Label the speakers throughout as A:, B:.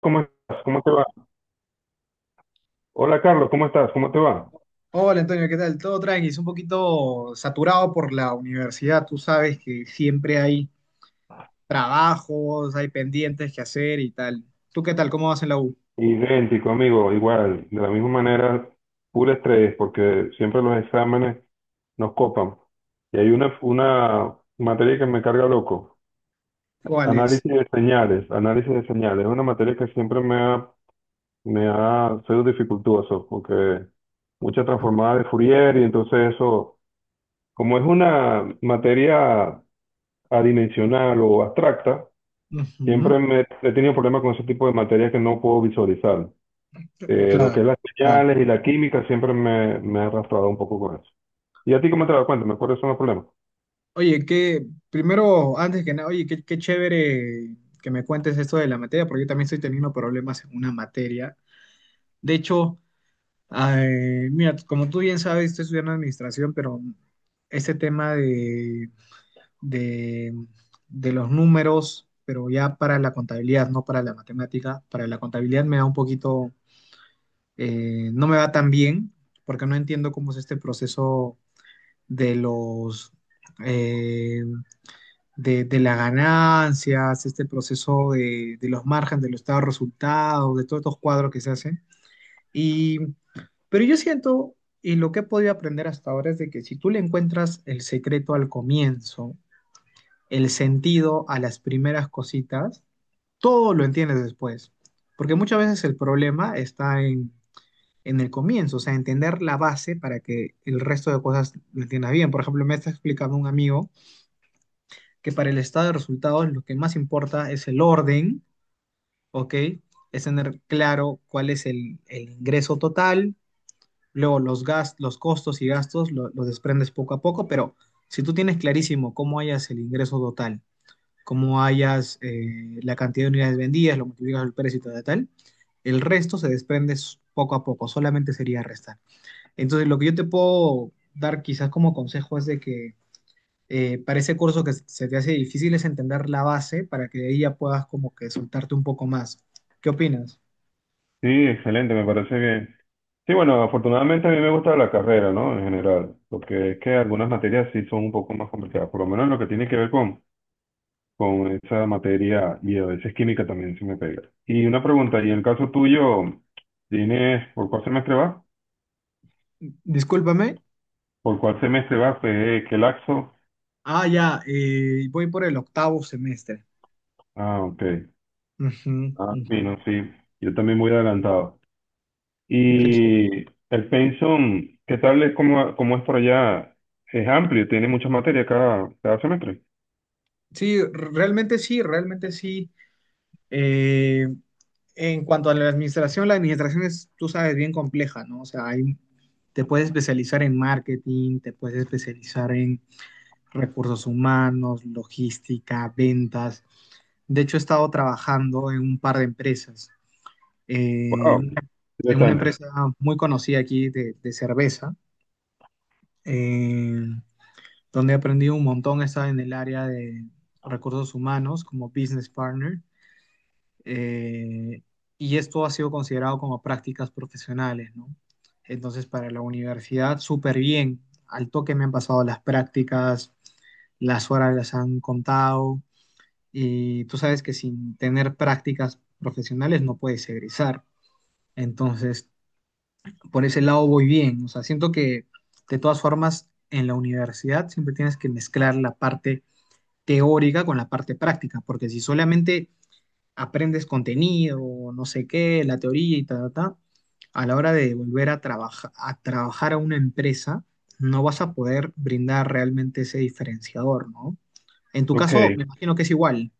A: ¿Cómo estás? ¿Cómo te va? Hola Carlos, ¿cómo estás? ¿Cómo te va?
B: Hola Antonio, ¿qué tal? Todo tranqui, es un poquito saturado por la universidad, tú sabes que siempre hay trabajos, hay pendientes que hacer y tal. ¿Tú qué tal? ¿Cómo vas en la U?
A: Idéntico, amigo, igual, de la misma manera, puro estrés, porque siempre los exámenes nos copan. Y hay una materia que me carga loco,
B: ¿Cuál es?
A: análisis de señales, análisis de señales. Es una materia que me ha sido dificultoso, porque mucha transformada de Fourier, y entonces eso, como es una materia adimensional o abstracta,
B: Ujú.
A: siempre me he tenido problemas con ese tipo de materias que no puedo visualizar. Lo que es
B: Claro,
A: las
B: claro.
A: señales y la química me ha arrastrado un poco con eso. ¿Y a ti cómo te das cuenta? ¿Me acuerdo son los problemas?
B: Oye, que primero, antes que nada, oye, qué chévere que me cuentes esto de la materia, porque yo también estoy teniendo problemas en una materia. De hecho, ay, mira, como tú bien sabes, estoy estudiando administración, pero este tema de, de los números, pero ya para la contabilidad, no para la matemática. Para la contabilidad me da un poquito, no me va tan bien, porque no entiendo cómo es este proceso de eh, las ganancias, este proceso de los márgenes, de los estados de resultados, de todos estos cuadros que se hacen. Y, pero yo siento, y lo que he podido aprender hasta ahora es de que si tú le encuentras el secreto al comienzo, el sentido a las primeras cositas, todo lo entiendes después. Porque muchas veces el problema está en el comienzo, o sea, entender la base para que el resto de cosas lo entiendas bien. Por ejemplo, me está explicando un amigo que para el estado de resultados lo que más importa es el orden, ¿ok? Es tener claro cuál es el ingreso total, luego los, gastos, los costos y gastos los desprendes poco a poco, pero si tú tienes clarísimo cómo hayas el ingreso total, cómo hallas la cantidad de unidades vendidas, lo multiplicas por el precio y tal, tal, tal. El resto se desprende poco a poco, solamente sería restar. Entonces, lo que yo te puedo dar quizás como consejo es de que para ese curso que se te hace difícil es entender la base para que de ahí ya puedas como que soltarte un poco más. ¿Qué opinas?
A: Sí, excelente, me parece bien. Sí, bueno, afortunadamente a mí me gusta la carrera, ¿no? En general, porque es que algunas materias sí son un poco más complicadas, por lo menos lo que tiene que ver con esa materia y a veces química también se me pega. Y una pregunta, ¿y en el caso tuyo, tienes, por cuál semestre vas?
B: Discúlpame.
A: ¿Por cuál semestre vas? ¿Qué, qué laxo?
B: Ah, ya, voy por el octavo semestre.
A: Ah, ok.
B: Ujú,
A: Ah,
B: ujú.
A: bueno, sí. Yo también voy adelantado. Y el pensum, ¿qué tal es cómo, cómo es por allá? Es amplio, tiene muchas materias cada semestre.
B: Sí, realmente sí, realmente sí. Eh, En cuanto a la administración es, tú sabes, bien compleja, ¿no? O sea, hay, te puedes especializar en marketing, te puedes especializar en recursos humanos, logística, ventas. De hecho, he estado trabajando en un par de empresas. Eh,
A: Wow,
B: una- en una
A: interesante.
B: empresa muy conocida aquí de cerveza, eh, donde he aprendido un montón. He estado en el área de recursos humanos como business partner, eh, y esto ha sido considerado como prácticas profesionales, ¿no? Entonces, para la universidad, súper bien. Al toque me han pasado las prácticas, las horas las han contado, y tú sabes que sin tener prácticas profesionales no puedes egresar. Entonces, por ese lado voy bien. O sea, siento que de todas formas en la universidad siempre tienes que mezclar la parte teórica con la parte práctica, porque si solamente aprendes contenido, no sé qué, la teoría y ta, ta, ta, a la hora de a trabajar a una empresa, no vas a poder brindar realmente ese diferenciador, ¿no? En tu
A: Ok.
B: caso, me imagino que es igual.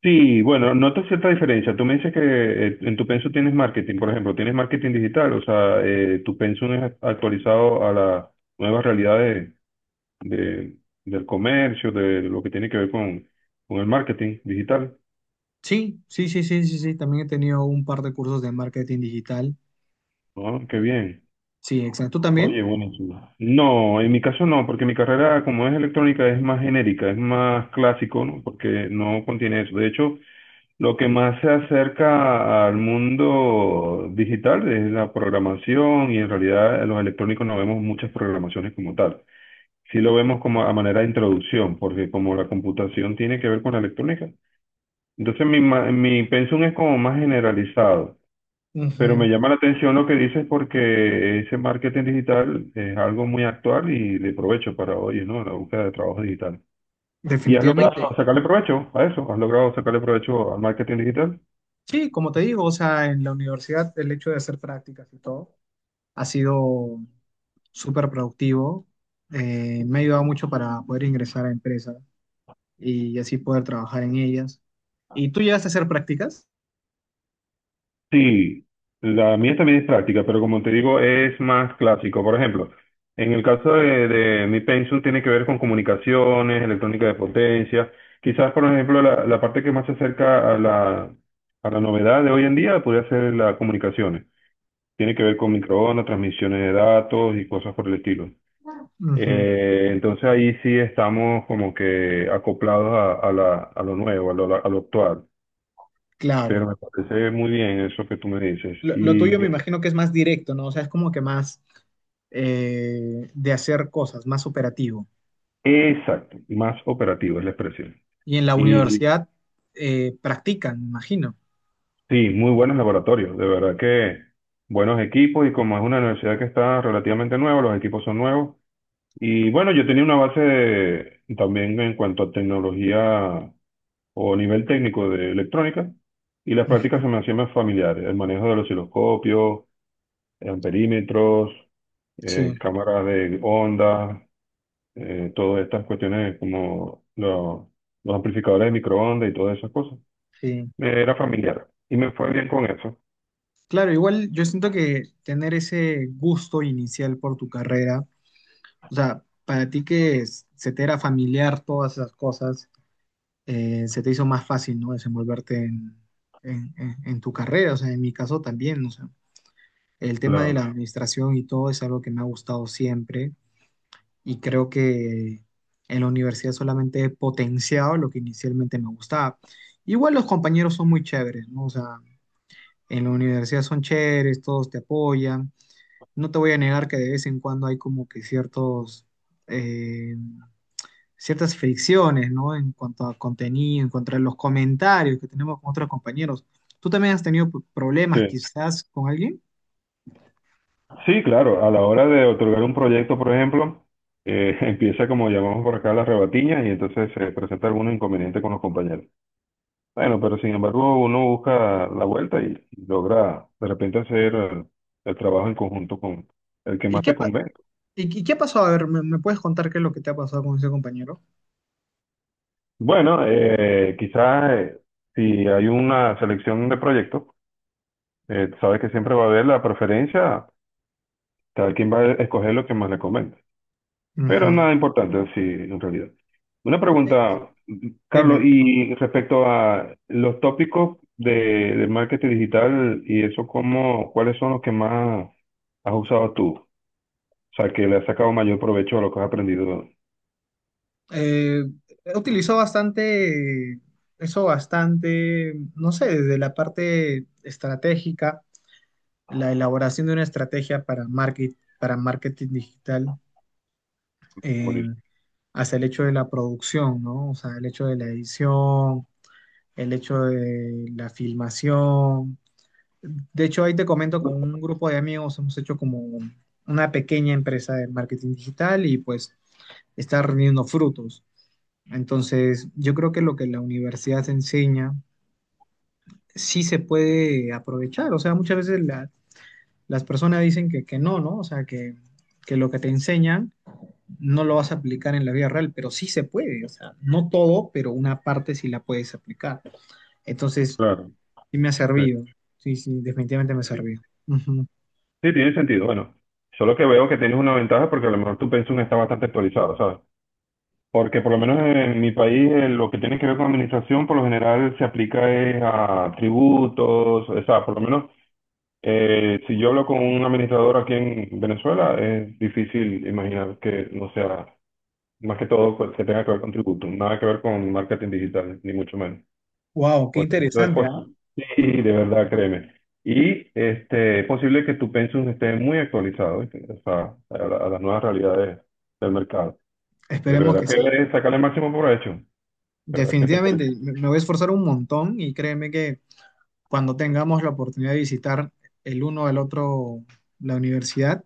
A: Sí, bueno, noto cierta diferencia. Tú me dices que en tu pensum tienes marketing, por ejemplo, tienes marketing digital, o sea, tu pensum es actualizado a las nuevas realidades de- del comercio, de lo que tiene que ver con el marketing digital.
B: Sí, sí, sí, sí, sí, sí. También he tenido un par de cursos de marketing digital.
A: Ah, qué bien.
B: Sí, exacto. ¿Tú
A: Oye,
B: también?
A: buenísimo. No, en mi caso no, porque mi carrera como es electrónica es más genérica, es más clásico, ¿no? Porque no contiene eso. De hecho, lo que más se acerca al mundo digital es la programación y en realidad en los electrónicos no vemos muchas programaciones como tal. Sí lo vemos como a manera de introducción, porque como la computación tiene que ver con la electrónica, entonces mi pensum es como más generalizado. Pero
B: Ujú.
A: me llama la atención lo que dices porque ese marketing digital es algo muy actual y de provecho para hoy, ¿no? La búsqueda de trabajo digital. ¿Y has logrado
B: Definitivamente.
A: sacarle provecho a eso? ¿Has logrado sacarle provecho al marketing digital?
B: Sí, como te digo, o sea, en la universidad el hecho de hacer prácticas y todo ha sido súper productivo. Me ha ayudado mucho para poder ingresar a empresas y así poder trabajar en ellas. ¿Y tú llegaste a hacer prácticas?
A: Sí, la mía también es práctica, pero como te digo, es más clásico. Por ejemplo, en el caso de mi pensum tiene que ver con comunicaciones, electrónica de potencia. Quizás, por ejemplo, la parte que más se acerca a a la novedad de hoy en día podría ser las comunicaciones. Tiene que ver con microondas, transmisiones de datos y cosas por el estilo.
B: Ujú,
A: Entonces ahí sí estamos como que acoplados a a lo nuevo, a lo actual.
B: claro.
A: Pero me parece muy bien eso que tú me dices.
B: Lo tuyo me imagino que es más directo, ¿no? O sea, es como que más de hacer cosas, más operativo.
A: Exacto, más operativo es la expresión.
B: Y en la
A: Y
B: universidad practican, me imagino.
A: sí, muy buenos laboratorios, de verdad que buenos equipos y como es una universidad que está relativamente nueva, los equipos son nuevos. Y bueno, yo tenía una base también en cuanto a tecnología o nivel técnico de electrónica, y las
B: Ujú.
A: prácticas se me hacían más familiares, el manejo de los osciloscopios, amperímetros,
B: Sí,
A: cámaras de ondas, todas estas cuestiones como los amplificadores de microondas y todas esas cosas.
B: sí.
A: Me era familiar y me fue bien con eso.
B: Claro, igual yo siento que tener ese gusto inicial por tu carrera, o sea, para ti se te era familiar todas esas cosas, se te hizo más fácil, ¿no? Desenvolverte en tu carrera, o sea, en mi caso también, o sea, el tema de la
A: Claro.
B: administración y todo es algo que me ha gustado siempre y creo que en la universidad solamente he potenciado lo que inicialmente me gustaba. Igual los compañeros son muy chéveres, ¿no? O sea, en la universidad son chéveres, todos te apoyan. No te voy a negar que de vez en cuando hay como que ciertos... eh, ciertas fricciones, ¿no? En cuanto a contenido, en cuanto a los comentarios que tenemos con otros compañeros. ¿Tú también has tenido problemas
A: Sí.
B: quizás con alguien?
A: Sí, claro, a la hora de otorgar un proyecto, por ejemplo, empieza como llamamos por acá la rebatiña y entonces se presenta algún inconveniente con los compañeros. Bueno, pero sin embargo uno busca la vuelta y logra de repente hacer el trabajo en conjunto con el que
B: ¿Y
A: más te convenga.
B: qué pasó? A ver, ¿me puedes contar qué es lo que te ha pasado con ese compañero?
A: Bueno, quizás si hay una selección de proyectos, sabes que siempre va a haber la preferencia, cada quien va a escoger lo que más le convenga. Pero
B: Ujú.
A: nada importante, sí, en realidad. Una
B: Eh,
A: pregunta,
B: Dime.
A: Carlos, y respecto a los tópicos de marketing digital y eso, ¿cómo, cuáles son los que más has usado tú? O sea, que le has sacado mayor provecho a lo que has aprendido.
B: Eh, He utilizado bastante, eso bastante, no sé, desde la parte estratégica, la elaboración de una estrategia para marketing digital, eh,
A: Buenísimo.
B: hasta el hecho de la producción, ¿no? O sea, el hecho de la edición, el hecho de la filmación. De hecho, ahí te comento, con un grupo de amigos hemos hecho como una pequeña empresa de marketing digital y pues está rindiendo frutos. Entonces, yo creo que lo que la universidad enseña sí se puede aprovechar. O sea, muchas veces las personas dicen que no, ¿no? O sea, que lo que te enseñan no lo vas a aplicar en la vida real, pero sí se puede, o sea, no todo, pero una parte sí la puedes aplicar. Entonces,
A: Claro.
B: sí me ha
A: Sí.
B: servido, sí, sí, definitivamente me ha servido. Ujú.
A: Sí, tiene sentido. Bueno, solo que veo que tienes una ventaja porque a lo mejor tu pensum está bastante actualizado, ¿sabes? Porque por lo menos en mi país lo que tiene que ver con administración por lo general se aplica es a tributos, o sea, por lo menos si yo hablo con un administrador aquí en Venezuela es difícil imaginar que no sea, más que todo pues, que tenga que ver con tributos, nada que ver con marketing digital, ni mucho menos.
B: Wow, qué
A: Por eso es
B: interesante, ¿ah?
A: posi- Sí, de verdad, créeme. Y este, es posible que tu pensum esté muy actualizado, ¿viste? O sea, a las nuevas realidades del mercado. De
B: Esperemos
A: verdad
B: que
A: que
B: sí.
A: debes sacarle el máximo provecho. De verdad que te felicito.
B: Definitivamente, me voy a esforzar un montón y créeme que cuando tengamos la oportunidad de visitar el uno al otro la universidad,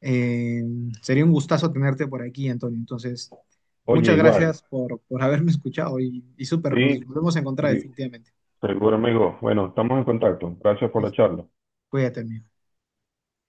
B: eh, sería un gustazo tenerte por aquí, Antonio. Entonces,
A: Oye,
B: muchas
A: igual,
B: gracias por haberme escuchado y súper, nos
A: sí,
B: volvemos a encontrar
A: sí,
B: definitivamente.
A: seguro, amigo. Bueno, estamos en contacto. Gracias por
B: Sí,
A: la
B: sí.
A: charla.
B: Cuídate, amigo.